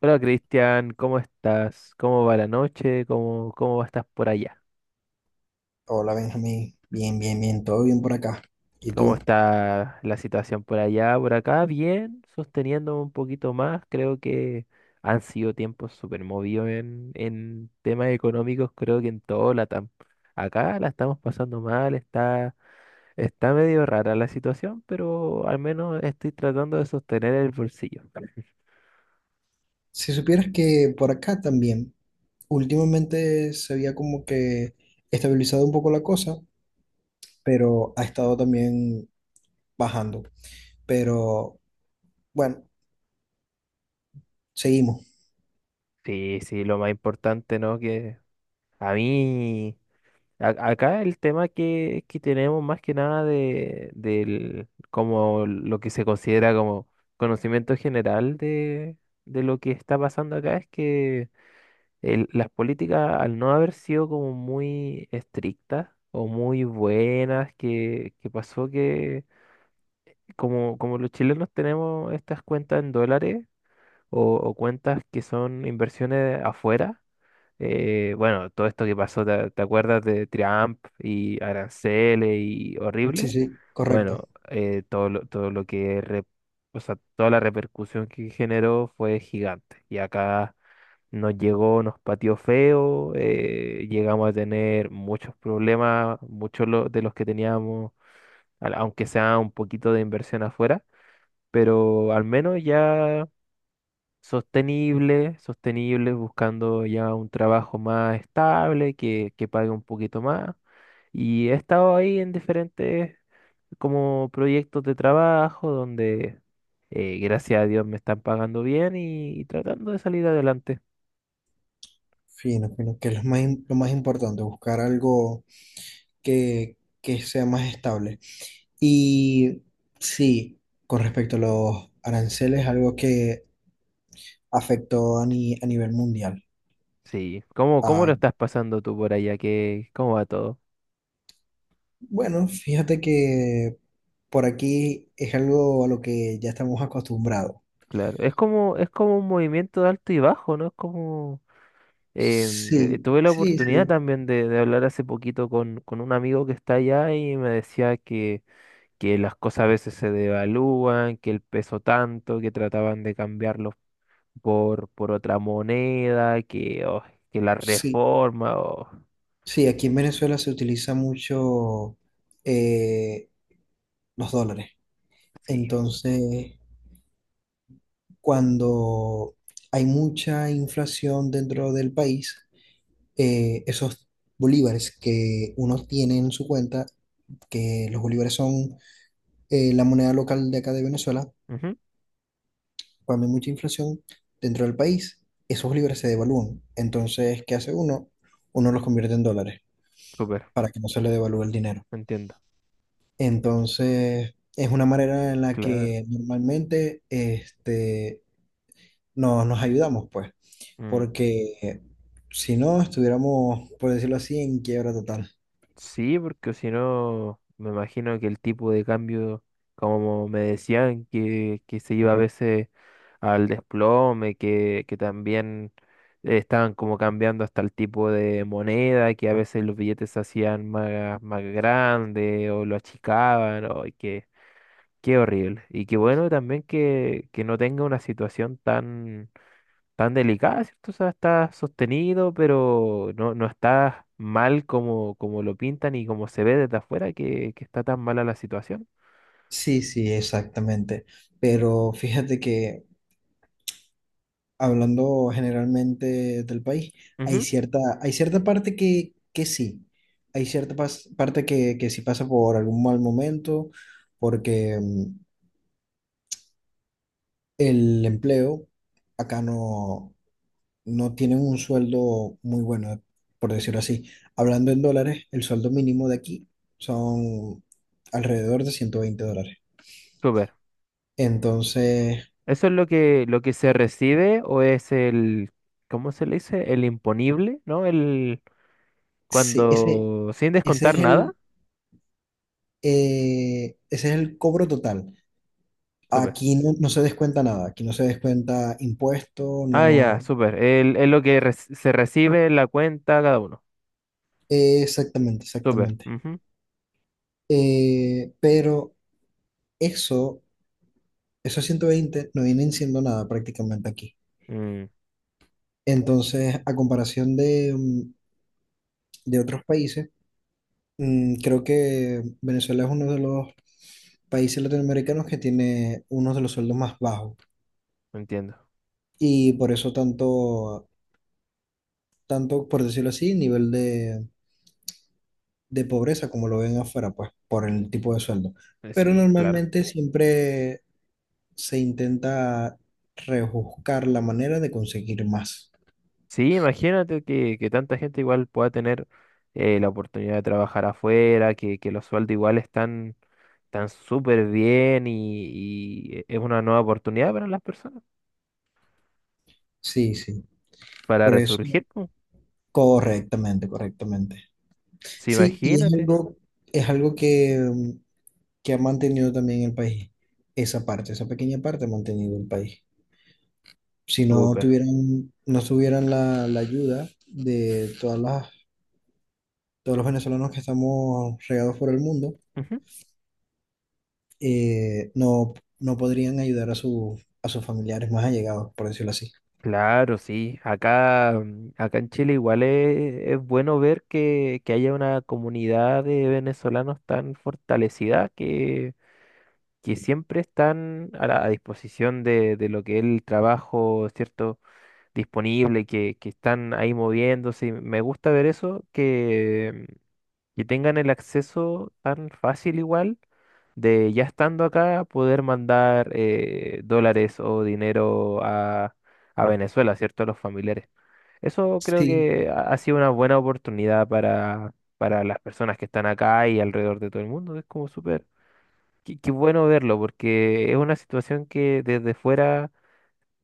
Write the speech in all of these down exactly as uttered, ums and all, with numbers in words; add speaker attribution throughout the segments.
Speaker 1: Hola Cristian, ¿cómo estás? ¿Cómo va la noche? ¿Cómo, cómo estás por allá?
Speaker 2: Hola Benjamín, bien, bien, bien, todo bien por acá. ¿Y
Speaker 1: ¿Cómo
Speaker 2: tú?
Speaker 1: está la situación por allá, por acá? Bien, sosteniendo un poquito más. Creo que han sido tiempos súper movidos en, en temas económicos, creo que en todo Latam. Acá la estamos pasando mal, está Está medio rara la situación, pero al menos estoy tratando de sostener el bolsillo.
Speaker 2: Si supieras que por acá también, últimamente se había como que estabilizado un poco la cosa, pero ha estado también bajando. Pero bueno, seguimos.
Speaker 1: Sí, sí, lo más importante, ¿no? Que a mí... A- Acá el tema que, que tenemos más que nada de, del, como lo que se considera como conocimiento general de, de lo que está pasando acá es que el- las políticas al no haber sido como muy estrictas o muy buenas, que, que pasó que como, como los chilenos tenemos estas cuentas en dólares o, o cuentas que son inversiones afuera. Eh, bueno, todo esto que pasó, ¿te, te acuerdas de Trump y aranceles y
Speaker 2: Sí,
Speaker 1: horrible?
Speaker 2: sí, correcto.
Speaker 1: Bueno, eh, todo lo, todo lo que, re- o sea, toda la repercusión que generó fue gigante. Y acá nos llegó, nos pateó feo, eh, llegamos a tener muchos problemas, muchos lo- de los que teníamos, al- aunque sea un poquito de inversión afuera, pero al menos ya sostenible, sostenible, buscando ya un trabajo más estable, que, que pague un poquito más. Y he estado ahí en diferentes como proyectos de trabajo donde eh, gracias a Dios me están pagando bien y, y tratando de salir adelante.
Speaker 2: Fino, fino, que es lo más, im- lo más importante, buscar algo que, que sea más estable. Y sí, con respecto a los aranceles, algo que afectó a, ni- a nivel mundial.
Speaker 1: Sí, ¿cómo, cómo lo
Speaker 2: Ah,
Speaker 1: estás pasando tú por allá? ¿Qué, cómo va todo?
Speaker 2: bueno, fíjate que por aquí es algo a lo que ya estamos acostumbrados.
Speaker 1: Claro, es como, es como un movimiento de alto y bajo, ¿no? Es como... Em, eh,
Speaker 2: Sí,
Speaker 1: tuve la
Speaker 2: sí,
Speaker 1: oportunidad
Speaker 2: sí,
Speaker 1: también de, de hablar hace poquito con, con un amigo que está allá y me decía que, que las cosas a veces se devalúan, que el peso tanto, que trataban de cambiarlo por, por otra moneda, que, oh, que la
Speaker 2: sí.
Speaker 1: reforma, oh,
Speaker 2: Sí, aquí en Venezuela se utiliza mucho eh, los dólares.
Speaker 1: sí,
Speaker 2: Entonces, cuando hay mucha inflación dentro del país, eh, esos bolívares que uno tiene en su cuenta, que los bolívares son eh, la moneda local de acá de Venezuela,
Speaker 1: ujú,
Speaker 2: cuando hay mucha inflación dentro del país, esos libras se devalúan. Entonces, ¿qué hace uno? Uno los convierte en dólares
Speaker 1: súper,
Speaker 2: para que no se le devalúe el dinero.
Speaker 1: entiendo,
Speaker 2: Entonces, es una manera en la
Speaker 1: claro.
Speaker 2: que normalmente este, no- nos ayudamos, pues,
Speaker 1: Mm.
Speaker 2: porque si no, estuviéramos, por decirlo así, en quiebra total.
Speaker 1: Sí, porque si no, me imagino que el tipo de cambio, como me decían, que, que se iba a veces al desplome, que, que también estaban como cambiando hasta el tipo de moneda, que a veces los billetes se hacían más, más grandes o lo achicaban, o, qué, qué horrible. Y qué bueno también que, que no tenga una situación tan tan delicada, ¿cierto? O sea, está sostenido, pero no, no está mal como, como lo pintan y como se ve desde afuera que, que está tan mala la situación.
Speaker 2: Sí, sí, exactamente. Pero fíjate que hablando generalmente del país, hay
Speaker 1: Ujú.
Speaker 2: cierta, hay cierta parte que, que sí, hay cierta pas- parte que, que sí pasa por algún mal momento, porque mm, el empleo acá no, no tienen un sueldo muy bueno, por decirlo así. Hablando en dólares, el sueldo mínimo de aquí son alrededor de ciento veinte dólares.
Speaker 1: Súper.
Speaker 2: Entonces,
Speaker 1: ¿Eso es lo que, lo que se recibe o es el, cómo se le dice? El imponible, ¿no? El,
Speaker 2: sí, ese,
Speaker 1: cuando, sin
Speaker 2: ese es
Speaker 1: descontar nada.
Speaker 2: el, eh, ese es el cobro total.
Speaker 1: Súper.
Speaker 2: Aquí no, no se descuenta nada, aquí no se descuenta impuesto,
Speaker 1: Ah, ya,
Speaker 2: no.
Speaker 1: súper. El- Es lo que reci- se recibe en la cuenta cada uno.
Speaker 2: eh, Exactamente,
Speaker 1: Súper.
Speaker 2: exactamente.
Speaker 1: Ujú.
Speaker 2: Eh, pero eso, esos ciento veinte no vienen siendo nada prácticamente aquí.
Speaker 1: Mm,
Speaker 2: Entonces, a comparación de, mm, de otros países, mm, creo que Venezuela es uno de los países latinoamericanos que tiene uno de los sueldos más bajos.
Speaker 1: entiendo.
Speaker 2: Y por eso tanto, tanto, por decirlo así, nivel de de pobreza como lo ven afuera, pues por el tipo de sueldo.
Speaker 1: Eh,
Speaker 2: Pero
Speaker 1: Sí, claro.
Speaker 2: normalmente siempre se intenta rebuscar la manera de conseguir más.
Speaker 1: Sí, imagínate que, que tanta gente igual pueda tener eh, la oportunidad de trabajar afuera, que, que los sueldos igual están tan súper bien y, y es una nueva oportunidad para las personas,
Speaker 2: Sí, sí,
Speaker 1: para
Speaker 2: por eso,
Speaker 1: resurgir po.
Speaker 2: correctamente, correctamente.
Speaker 1: Sí,
Speaker 2: Sí, y es
Speaker 1: imagínate,
Speaker 2: algo, es algo que, mm, que ha mantenido también el país, esa parte, esa pequeña parte ha mantenido el país. Si no
Speaker 1: súper.
Speaker 2: tuvieran, no tuvieran la, la ayuda de todas las, todos los venezolanos que estamos regados por el mundo,
Speaker 1: Ujú.
Speaker 2: eh, no, no podrían ayudar a, su, a sus familiares más allegados, por decirlo así.
Speaker 1: Claro, sí. Acá, mm, acá en Chile igual es, es bueno ver que, que haya una comunidad de venezolanos tan fortalecida que, que siempre están a la a disposición de, de lo que es el trabajo, ¿cierto? Disponible, que, que están ahí moviéndose. Y me gusta ver eso, que, que tengan el acceso tan fácil igual de ya estando acá poder mandar eh, dólares o dinero a, a Venezuela, ¿cierto? A los familiares. Eso creo
Speaker 2: Sí,
Speaker 1: que ha ha sido una buena oportunidad para, para las personas que están acá y alrededor de todo el mundo. Es como súper, qué, qué bueno verlo, porque es una situación que desde fuera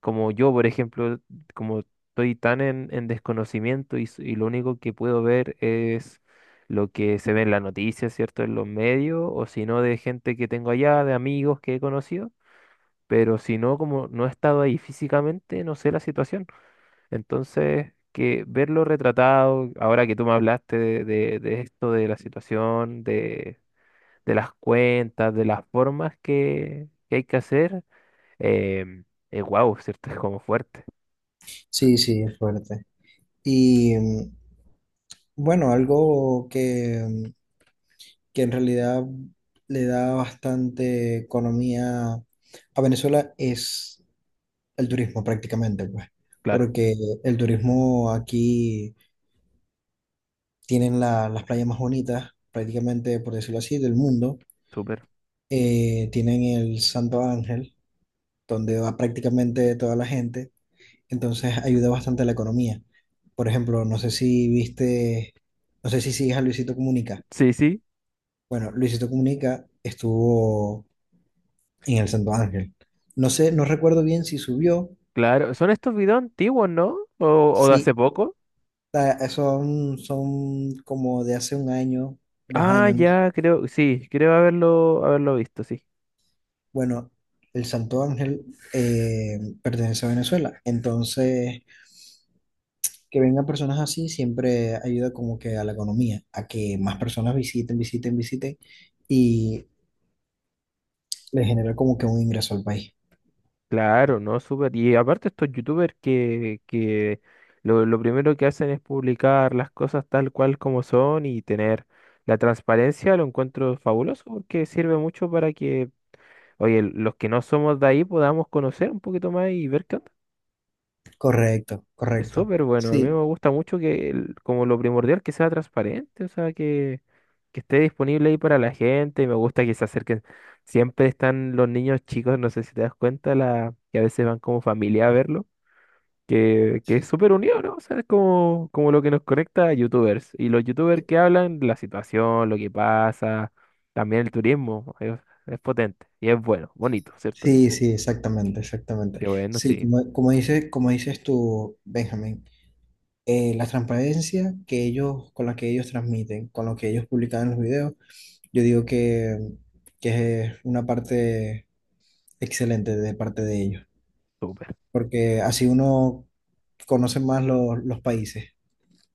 Speaker 1: como yo, por ejemplo, como estoy tan en, en desconocimiento y, s- y lo único que puedo ver es lo que se ve en las noticias, ¿cierto? En los medios, o si no, de gente que tengo allá, de amigos que he conocido, pero si no, como no he estado ahí físicamente, no sé la situación. Entonces, que verlo retratado, ahora que tú me hablaste de, de- de esto, de la situación, de, de las cuentas, de las formas que, que hay que hacer, eh, es guau, ¿cierto? Es como fuerte.
Speaker 2: sí, sí, es fuerte. Y mm, bueno, algo que, mm, que en realidad le da bastante economía a Venezuela es el turismo prácticamente, pues,
Speaker 1: Claro.
Speaker 2: porque el turismo aquí tienen la- las playas más bonitas, prácticamente, por decirlo así, del mundo.
Speaker 1: Súper.
Speaker 2: Eh, tienen el Santo Ángel, donde va prácticamente toda la gente. Entonces ayuda bastante a la economía. Por ejemplo, no sé si viste, no sé si sigues a Luisito Comunica.
Speaker 1: Sí, sí,
Speaker 2: Bueno, Luisito Comunica estuvo en el Santo Ángel. No sé, no recuerdo bien si subió,
Speaker 1: claro. ¿Son estos videos antiguos, no? ¿O, o de hace
Speaker 2: sí,
Speaker 1: poco?
Speaker 2: ta- son, son como de hace un año, dos
Speaker 1: Ah,
Speaker 2: años. ¿No?
Speaker 1: ya, creo, sí, creo haberlo, haberlo visto, sí.
Speaker 2: Bueno, el Santo Ángel eh, pertenece a Venezuela, entonces que vengan personas así siempre ayuda como que a la economía, a que más personas visiten, visiten, visiten. Y le genera como que un ingreso al país.
Speaker 1: Claro, no, súper. Y aparte estos youtubers que, que lo, lo primero que hacen es publicar las cosas tal cual como son y tener la transparencia, lo encuentro fabuloso porque sirve mucho para que, oye, los que no somos de ahí podamos conocer un poquito más y ver qué onda.
Speaker 2: Correcto,
Speaker 1: Es
Speaker 2: correcto.
Speaker 1: súper bueno. A mí
Speaker 2: Sí,
Speaker 1: me gusta mucho que, el- como lo primordial, que sea transparente, o sea, que, que esté disponible ahí para la gente. Me gusta que se acerquen. Siempre están los niños chicos, no sé si te das cuenta, la, que a veces van como familia a verlo, que, que es súper unido, ¿no? O sea, es como, como lo que nos conecta a YouTubers. Y los YouTubers que hablan, la situación, lo que pasa, también el turismo, es, es potente y es bueno, bonito, ¿cierto?
Speaker 2: sí, sí, exactamente, exactamente.
Speaker 1: Qué bueno,
Speaker 2: Sí,
Speaker 1: sí,
Speaker 2: como, como dice, como dices tú, Benjamín, eh, la transparencia que ellos, con la que ellos transmiten, con lo que ellos publican en los videos, yo digo que, que es una parte excelente de parte de ellos,
Speaker 1: súper.
Speaker 2: porque así uno conoce más los, los países.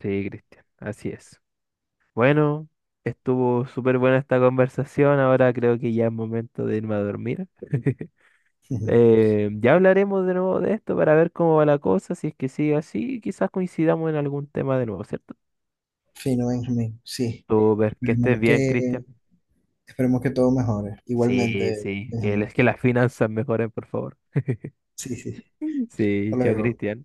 Speaker 1: Sí, Cristian, así es. Bueno, estuvo súper buena esta conversación. Ahora creo que ya es momento de irme a dormir.
Speaker 2: Ujú.
Speaker 1: Eh, ya hablaremos de nuevo de esto para ver cómo va la cosa. Si es que sigue así, quizás coincidamos en algún tema de nuevo, ¿cierto?
Speaker 2: Fino, Benjamín, sí.
Speaker 1: Súper, que estés
Speaker 2: Esperemos
Speaker 1: bien,
Speaker 2: que,
Speaker 1: Cristian.
Speaker 2: esperemos que todo mejore.
Speaker 1: Sí,
Speaker 2: Igualmente,
Speaker 1: sí, que, les-
Speaker 2: Benjamín.
Speaker 1: que las finanzas mejoren, por favor.
Speaker 2: Sí, sí, sí.
Speaker 1: Sí,
Speaker 2: Hasta
Speaker 1: chao,
Speaker 2: luego.
Speaker 1: Cristian.